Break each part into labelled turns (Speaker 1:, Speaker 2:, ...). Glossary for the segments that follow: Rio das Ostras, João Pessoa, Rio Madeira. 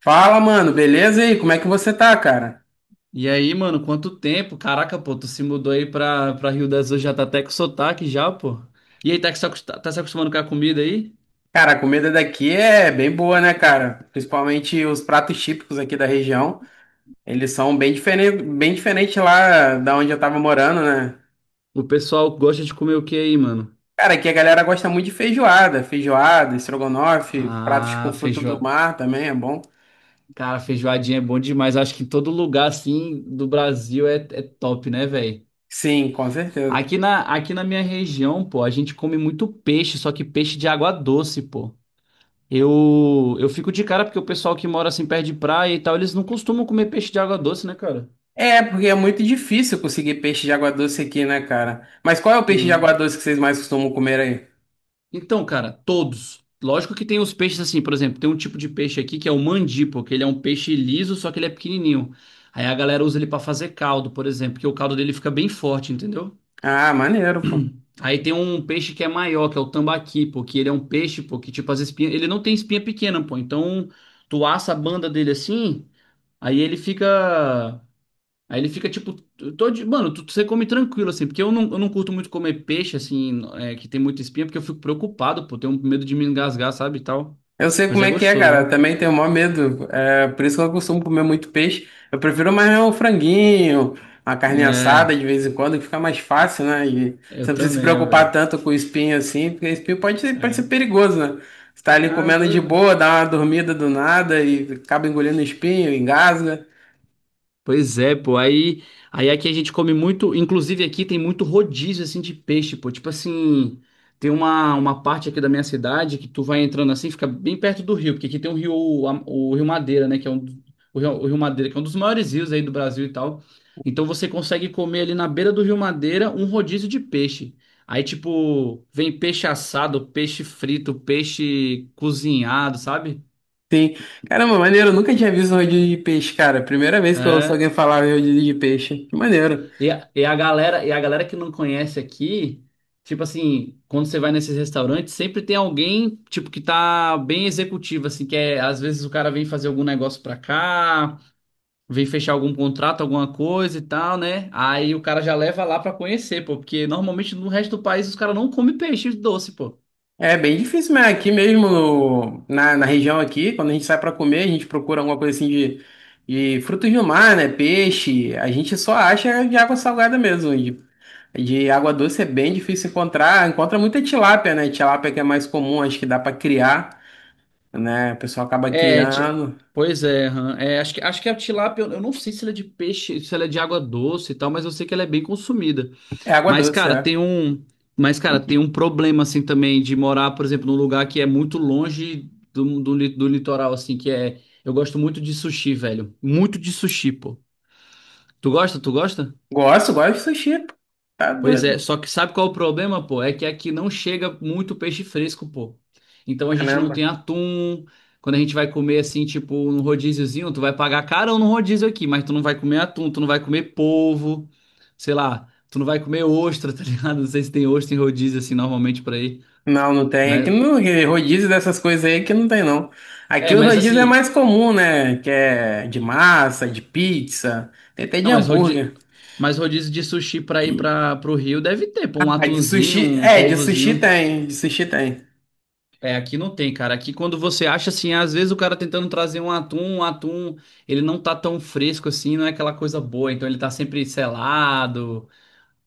Speaker 1: Fala, mano, beleza? E aí, como é que você tá, cara?
Speaker 2: E aí, mano, quanto tempo? Caraca, pô, tu se mudou aí pra Rio das Ostras, já tá até com sotaque já, pô. E aí, tá, se acost- tá se acostumando com a comida aí?
Speaker 1: Cara, a comida daqui é bem boa, né, cara? Principalmente os pratos típicos aqui da região. Eles são bem diferentes lá da onde eu tava morando, né?
Speaker 2: O pessoal gosta de comer o que aí, mano?
Speaker 1: Cara, aqui a galera gosta muito de feijoada, feijoada, estrogonofe, pratos com
Speaker 2: Ah,
Speaker 1: fruto do
Speaker 2: feijoada.
Speaker 1: mar também é bom.
Speaker 2: Cara, feijoadinha é bom demais. Acho que em todo lugar, assim, do Brasil é top, né, velho?
Speaker 1: Sim, com certeza.
Speaker 2: Aqui na minha região, pô, a gente come muito peixe, só que peixe de água doce, pô. Eu fico de cara porque o pessoal que mora assim perto de praia e tal, eles não costumam comer peixe de água doce, né, cara?
Speaker 1: É, porque é muito difícil conseguir peixe de água doce aqui, né, cara? Mas qual é o peixe de
Speaker 2: Né?
Speaker 1: água doce que vocês mais costumam comer aí?
Speaker 2: Então, cara, todos. Lógico que tem os peixes assim, por exemplo, tem um tipo de peixe aqui que é o mandipo, que ele é um peixe liso, só que ele é pequenininho. Aí a galera usa ele pra fazer caldo, por exemplo, porque o caldo dele fica bem forte, entendeu?
Speaker 1: Ah, maneiro, pô.
Speaker 2: Aí tem um peixe que é maior, que é o tambaqui, pô, que ele é um peixe, pô, que tipo as espinhas, ele não tem espinha pequena, pô. Então, tu assa a banda dele assim, aí ele fica Aí ele fica tipo, todo, mano, tu, você come tranquilo, assim, porque eu não curto muito comer peixe, assim, é, que tem muita espinha, porque eu fico preocupado, pô, tenho medo de me engasgar, sabe, e tal.
Speaker 1: Eu sei
Speaker 2: Mas
Speaker 1: como
Speaker 2: é
Speaker 1: é que é, cara. Eu
Speaker 2: gostoso,
Speaker 1: também tenho o maior medo. É por isso que eu costumo comer muito peixe. Eu prefiro mais um franguinho, uma
Speaker 2: ó.
Speaker 1: carne assada
Speaker 2: É,
Speaker 1: de vez em quando, que fica mais fácil,
Speaker 2: ah,
Speaker 1: né? E você
Speaker 2: eu
Speaker 1: não precisa se
Speaker 2: também, ó,
Speaker 1: preocupar
Speaker 2: velho.
Speaker 1: tanto com o espinho assim, porque espinho pode ser
Speaker 2: É.
Speaker 1: perigoso, né? Você tá ali
Speaker 2: Ah,
Speaker 1: comendo de
Speaker 2: doido.
Speaker 1: boa, dá uma dormida do nada e acaba engolindo espinho, engasga.
Speaker 2: Pois é, pô. Aí, aqui a gente come muito. Inclusive aqui tem muito rodízio assim de peixe, pô. Tipo assim, tem uma parte aqui da minha cidade que tu vai entrando assim, fica bem perto do rio, porque aqui tem o Rio Madeira, né? Que é um, o Rio Madeira, que é um dos maiores rios aí do Brasil e tal. Então você consegue comer ali na beira do Rio Madeira um rodízio de peixe. Aí, tipo, vem peixe assado, peixe frito, peixe cozinhado, sabe?
Speaker 1: Sim. Caramba, maneiro. Eu nunca tinha visto um rodízio de peixe, cara. Primeira vez que eu ouço
Speaker 2: É.
Speaker 1: alguém falar em rodízio de peixe. Que maneiro.
Speaker 2: E a galera que não conhece aqui, tipo assim, quando você vai nesses restaurantes, sempre tem alguém, tipo, que tá bem executivo, assim, que é, às vezes o cara vem fazer algum negócio pra cá, vem fechar algum contrato, alguma coisa e tal, né? Aí o cara já leva lá pra conhecer, pô, porque normalmente no resto do país os caras não comem peixe doce, pô.
Speaker 1: É bem difícil, mas aqui mesmo, na região aqui, quando a gente sai para comer, a gente procura alguma coisa assim de frutos do mar, né? Peixe, a gente só acha de água salgada mesmo. De água doce é bem difícil encontrar. Encontra muita tilápia, né? Tilápia que é mais comum, acho que dá para criar, né? O pessoal acaba
Speaker 2: É,
Speaker 1: criando.
Speaker 2: pois é, aham. Acho que a tilápia, eu não sei se ela é de peixe, se ela é de água doce e tal, mas eu sei que ela é bem consumida.
Speaker 1: É água
Speaker 2: Mas,
Speaker 1: doce,
Speaker 2: cara,
Speaker 1: é.
Speaker 2: tem um, mas, cara, tem um problema assim também de morar, por exemplo, num lugar que é muito longe do litoral, assim, que é. Eu gosto muito de sushi, velho. Muito de sushi, pô. Tu gosta? Tu gosta?
Speaker 1: Gosto, gosto de sushi, pô. Tá
Speaker 2: Pois
Speaker 1: doido.
Speaker 2: é, só que sabe qual é o problema, pô? É que aqui não chega muito peixe fresco, pô. Então a gente não
Speaker 1: Caramba.
Speaker 2: tem atum. Quando a gente vai comer assim, tipo, num rodíziozinho, tu vai pagar carão no rodízio aqui, mas tu não vai comer atum, tu não vai comer polvo, sei lá, tu não vai comer ostra, tá ligado? Não sei se tem ostra em rodízio assim normalmente pra ir.
Speaker 1: Não, não tem. Aqui
Speaker 2: Mas
Speaker 1: no rodízio dessas coisas aí que não tem, não. Aqui
Speaker 2: é,
Speaker 1: o
Speaker 2: mas
Speaker 1: rodízio é
Speaker 2: assim,
Speaker 1: mais comum, né? Que é de massa, de pizza, tem até de
Speaker 2: não, mas rodízio,
Speaker 1: hambúrguer.
Speaker 2: mas rodízio de sushi pra ir para pro Rio deve ter, pô, um
Speaker 1: Ah, de
Speaker 2: atunzinho,
Speaker 1: sushi.
Speaker 2: um
Speaker 1: É, de sushi
Speaker 2: polvozinho.
Speaker 1: tem, de sushi tem.
Speaker 2: É, aqui não tem, cara. Aqui quando você acha assim, às vezes o cara tentando trazer um atum, ele não tá tão fresco assim, não é aquela coisa boa, então ele tá sempre selado.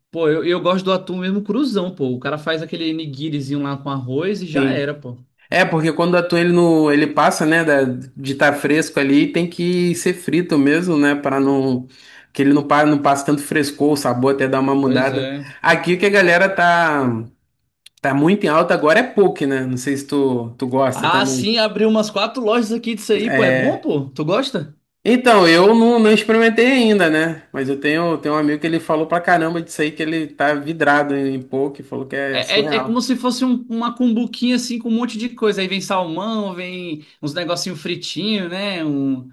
Speaker 2: Pô, eu gosto do atum mesmo cruzão, pô. O cara faz aquele nigirizinho lá com arroz e já
Speaker 1: Sim.
Speaker 2: era, pô.
Speaker 1: É, porque quando atua ele no. Ele passa, né? De estar fresco ali, tem que ser frito mesmo, né? Para não. Que ele não, não passe tanto frescor, o sabor até dar uma
Speaker 2: Pois
Speaker 1: mudada.
Speaker 2: é.
Speaker 1: Aqui o que a galera tá. Tá muito em alta agora é poke, né? Não sei se tu gosta
Speaker 2: Ah,
Speaker 1: também.
Speaker 2: sim, abriu umas quatro lojas aqui disso aí, pô. É bom,
Speaker 1: É,
Speaker 2: pô? Tu gosta?
Speaker 1: então, eu não experimentei ainda, né? Mas eu tenho um amigo que ele falou pra caramba disso aí, que ele tá vidrado em poke, falou que é
Speaker 2: É,
Speaker 1: surreal.
Speaker 2: como se fosse uma cumbuquinha assim com um monte de coisa. Aí vem salmão, vem uns negocinho fritinho, né? Um,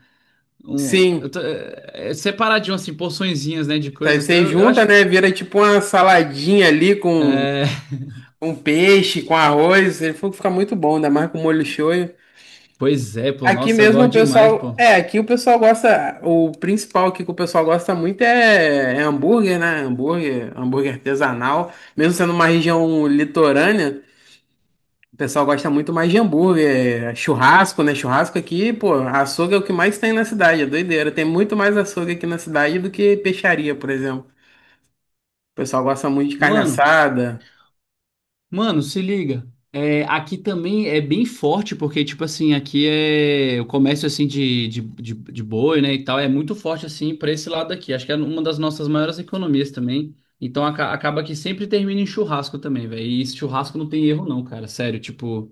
Speaker 2: Eu
Speaker 1: Sim,
Speaker 2: tô, separadinho, assim, porçõezinhas, né, de
Speaker 1: aí
Speaker 2: coisa. Eu, tô-
Speaker 1: você
Speaker 2: eu
Speaker 1: junta,
Speaker 2: acho.
Speaker 1: né? Vira tipo uma saladinha ali
Speaker 2: É,
Speaker 1: com peixe, com arroz. Ele falou que fica muito bom, ainda mais com molho shoyu.
Speaker 2: pois é, pô.
Speaker 1: Aqui
Speaker 2: Nossa, eu
Speaker 1: mesmo o
Speaker 2: gosto demais,
Speaker 1: pessoal.
Speaker 2: pô.
Speaker 1: É, aqui o pessoal gosta. O principal aqui que o pessoal gosta muito é, hambúrguer, né? Hambúrguer, hambúrguer artesanal. Mesmo sendo uma região litorânea. O pessoal gosta muito mais de hambúrguer, é, churrasco, né? Churrasco aqui, pô, açougue é o que mais tem na cidade, é doideira. Tem muito mais açougue aqui na cidade do que peixaria, por exemplo. O pessoal gosta muito de carne
Speaker 2: Mano.
Speaker 1: assada,
Speaker 2: Mano, se liga. É, aqui também é bem forte, porque, tipo assim, aqui é o comércio, assim, de boi, né, e tal, é muito forte, assim, pra esse lado aqui. Acho que é uma das nossas maiores economias também. Então, acaba que sempre termina em churrasco também, velho. E esse churrasco não tem erro, não, cara. Sério, tipo,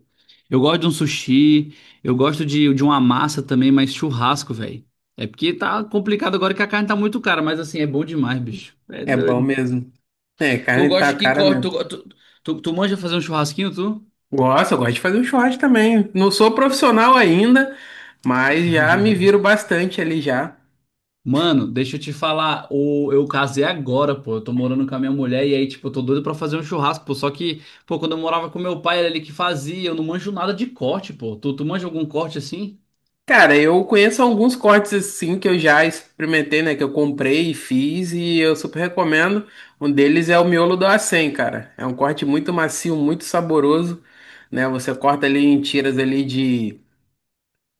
Speaker 2: eu gosto de um sushi, eu gosto de uma massa também, mas churrasco, velho. É porque tá complicado agora que a carne tá muito cara, mas, assim, é bom demais, bicho. É
Speaker 1: é bom
Speaker 2: doido.
Speaker 1: mesmo. É,
Speaker 2: Tu
Speaker 1: carne
Speaker 2: gosta
Speaker 1: tá
Speaker 2: de que
Speaker 1: cara
Speaker 2: corte,
Speaker 1: mesmo.
Speaker 2: tu manja fazer um churrasquinho, tu?
Speaker 1: Gosto, eu gosto de fazer um churrasco também. Não sou profissional ainda, mas já me viro bastante ali já.
Speaker 2: Mano, deixa eu te falar, eu casei agora, pô, eu tô morando com a minha mulher e aí, tipo, eu tô doido pra fazer um churrasco, pô, só que, pô, quando eu morava com meu pai, era ele que fazia, eu não manjo nada de corte, pô, tu, tu manja algum corte assim?
Speaker 1: Cara, eu conheço alguns cortes assim que eu já experimentei, né? Que eu comprei e fiz e eu super recomendo. Um deles é o miolo do acém, cara. É um corte muito macio, muito saboroso, né? Você corta ali em tiras ali de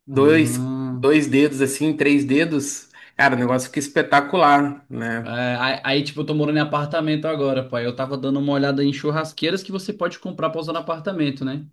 Speaker 1: dois,
Speaker 2: Ah,
Speaker 1: dois dedos, assim, três dedos. Cara, o negócio fica espetacular,
Speaker 2: é,
Speaker 1: né?
Speaker 2: aí, tipo, eu tô morando em apartamento agora, pai, eu tava dando uma olhada em churrasqueiras que você pode comprar pra usar no apartamento, né?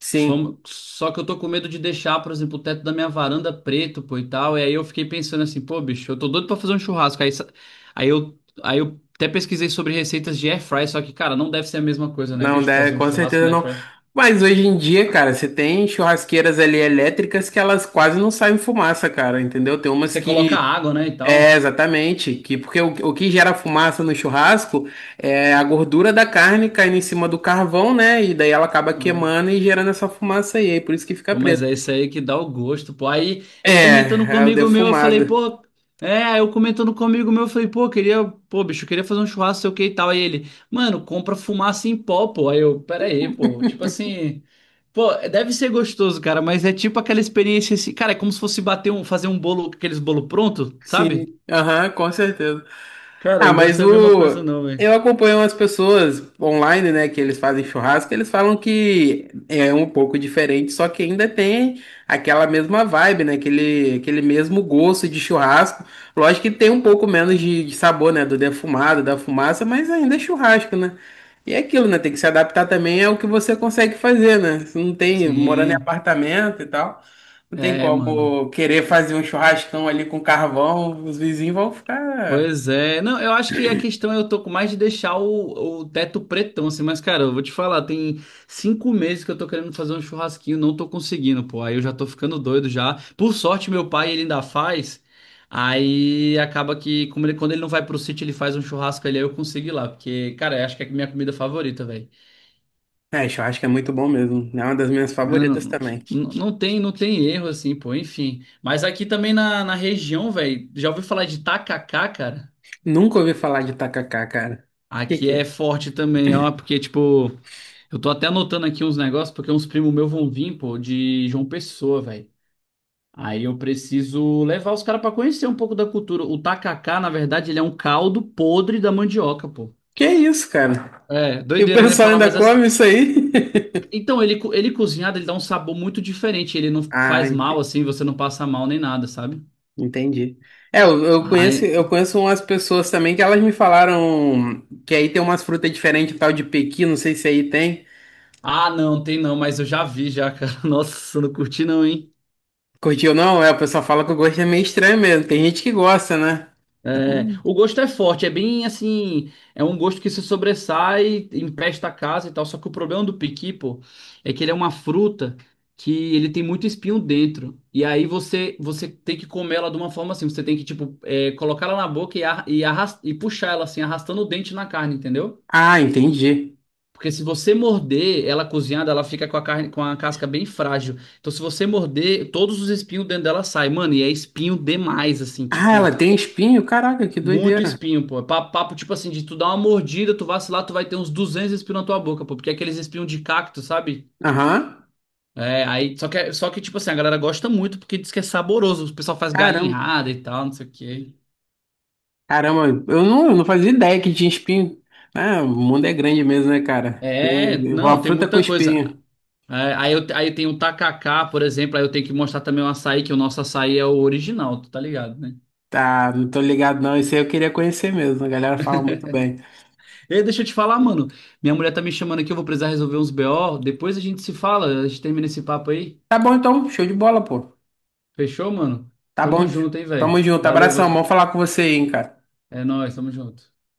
Speaker 1: Sim,
Speaker 2: Só que eu tô com medo de deixar, por exemplo, o teto da minha varanda preto, pô, e tal. E aí eu fiquei pensando assim, pô, bicho, eu tô doido pra fazer um churrasco. Aí eu até pesquisei sobre receitas de air fry, só que, cara, não deve ser a mesma coisa, né,
Speaker 1: não
Speaker 2: bicho, fazer
Speaker 1: deve,
Speaker 2: um
Speaker 1: com
Speaker 2: churrasco
Speaker 1: certeza
Speaker 2: na air
Speaker 1: não.
Speaker 2: fry.
Speaker 1: Mas hoje em dia, cara, você tem churrasqueiras ali elétricas que elas quase não saem fumaça, cara, entendeu? Tem umas
Speaker 2: Você coloca
Speaker 1: que
Speaker 2: água, né, e
Speaker 1: é,
Speaker 2: tal.
Speaker 1: exatamente, que porque o que gera fumaça no churrasco é a gordura da carne caindo em cima do carvão, né? E daí ela acaba queimando e gerando essa fumaça aí, aí por isso que fica
Speaker 2: Pô, mas
Speaker 1: preto.
Speaker 2: é isso aí que dá o gosto, pô. Aí eu comentando com um
Speaker 1: É, é o
Speaker 2: amigo meu, eu falei,
Speaker 1: defumado.
Speaker 2: pô, aí eu comentando com um amigo meu, eu falei, pô, queria, pô, bicho, eu queria fazer um churrasco, sei o que e tal. Aí ele, mano, compra fumaça em pó, pô. Aí eu, pera aí, pô, tipo assim, pô, deve ser gostoso, cara, mas é tipo aquela experiência assim, cara, é como se fosse fazer um bolo, aqueles bolo pronto,
Speaker 1: Sim,
Speaker 2: sabe?
Speaker 1: aham, com certeza.
Speaker 2: Cara,
Speaker 1: Ah,
Speaker 2: não deve
Speaker 1: mas
Speaker 2: ser a mesma coisa
Speaker 1: o.
Speaker 2: não, velho.
Speaker 1: Eu acompanho umas pessoas online, né, que eles fazem churrasco, eles falam que é um pouco diferente, só que ainda tem aquela mesma vibe, né, aquele, aquele mesmo gosto de churrasco. Lógico que tem um pouco menos de, sabor, né, do defumado, da fumaça, mas ainda é churrasco, né? E é aquilo, né, tem que se adaptar também ao que você consegue fazer, né? Você não tem, morando em
Speaker 2: Sim,
Speaker 1: apartamento e tal. Não tem
Speaker 2: é, mano.
Speaker 1: como querer fazer um churrascão ali com carvão, os vizinhos vão ficar.
Speaker 2: Pois é. Não, eu acho que a questão é eu tô com mais de deixar o teto pretão, assim, mas, cara, eu vou te falar, tem 5 meses que eu tô querendo fazer um churrasquinho, não tô conseguindo, pô. Aí eu já tô ficando doido já. Por sorte, meu pai, ele ainda faz. Aí acaba que, como ele, quando ele não vai pro sítio, ele faz um churrasco ali, aí eu consigo ir lá. Porque, cara, eu acho que é a minha comida favorita, velho.
Speaker 1: É, churrasco é muito bom mesmo. É uma das minhas
Speaker 2: Não,
Speaker 1: favoritas
Speaker 2: não,
Speaker 1: também.
Speaker 2: não tem erro, assim, pô, enfim. Mas aqui também na região, velho, já ouviu falar de tacacá, cara?
Speaker 1: Nunca ouvi falar de tacacá, cara.
Speaker 2: Aqui
Speaker 1: Que
Speaker 2: é
Speaker 1: é?
Speaker 2: forte também, ó, porque, tipo, eu tô até anotando aqui uns negócios, porque uns primos meus vão vir, pô, de João Pessoa, velho. Aí eu preciso levar os caras pra conhecer um pouco da cultura. O tacacá, na verdade, ele é um caldo podre da mandioca, pô.
Speaker 1: Que é isso, cara?
Speaker 2: É,
Speaker 1: E o
Speaker 2: doideira, né?
Speaker 1: pessoal
Speaker 2: Falar,
Speaker 1: ainda
Speaker 2: mas as...
Speaker 1: come isso aí?
Speaker 2: Então, ele cozinhado, ele dá um sabor muito diferente. Ele não
Speaker 1: Ah,
Speaker 2: faz mal, assim, você não passa mal nem nada, sabe?
Speaker 1: entendi. É, eu, eu
Speaker 2: Ai...
Speaker 1: conheço, eu conheço umas pessoas também que elas me falaram que aí tem umas frutas diferentes, tal de pequi, não sei se aí tem.
Speaker 2: Ah, não, tem não, mas eu já vi já, cara. Nossa, eu não curti não, hein?
Speaker 1: Curtiu ou não? É, o pessoal fala que o gosto é meio estranho mesmo. Tem gente que gosta, né?
Speaker 2: É,
Speaker 1: Hum.
Speaker 2: o gosto é forte, é bem assim, é um gosto que se sobressai, empesta a casa e tal. Só que o problema do piqui, pô, é que ele é uma fruta que ele tem muito espinho dentro. E aí você tem que comer ela de uma forma assim, você tem que tipo colocar ela na boca e puxar ela assim, arrastando o dente na carne, entendeu?
Speaker 1: Ah, entendi.
Speaker 2: Porque se você morder ela cozinhada, ela fica com a carne com a casca bem frágil. Então se você morder, todos os espinhos dentro dela saem, mano, e é espinho demais assim,
Speaker 1: Ah, ela
Speaker 2: tipo
Speaker 1: tem espinho? Caraca, que
Speaker 2: muito
Speaker 1: doideira.
Speaker 2: espinho, pô. É Papo, tipo assim, de tu dar uma mordida, tu vacilar, tu vai ter uns 200 espinhos na tua boca, pô. Porque é aqueles espinhos de cacto, sabe?
Speaker 1: Aham.
Speaker 2: É, aí, só que, tipo assim, a galera gosta muito porque diz que é saboroso. O pessoal faz
Speaker 1: Caramba.
Speaker 2: galinhada e tal, não sei o quê.
Speaker 1: Caramba, eu não fazia ideia que tinha espinho. Ah, o mundo é grande mesmo, né, cara? Tem
Speaker 2: É, não,
Speaker 1: uma
Speaker 2: tem
Speaker 1: fruta com
Speaker 2: muita coisa.
Speaker 1: espinho.
Speaker 2: É, aí tem o tacacá, por exemplo, aí eu tenho que mostrar também o açaí, que o nosso açaí é o original, tu tá ligado, né?
Speaker 1: Tá, não tô ligado não. Isso aí eu queria conhecer mesmo. A galera fala muito bem.
Speaker 2: Ei, deixa eu te falar, mano. Minha mulher tá me chamando aqui, eu vou precisar resolver uns BO. Depois a gente se fala, a gente termina esse papo aí.
Speaker 1: Tá bom então, show de bola, pô.
Speaker 2: Fechou, mano?
Speaker 1: Tá
Speaker 2: Tamo
Speaker 1: bom.
Speaker 2: junto, hein,
Speaker 1: Tamo
Speaker 2: velho?
Speaker 1: junto.
Speaker 2: Valeu,
Speaker 1: Abração. Vamos falar com você aí, hein, cara.
Speaker 2: é nóis, tamo junto.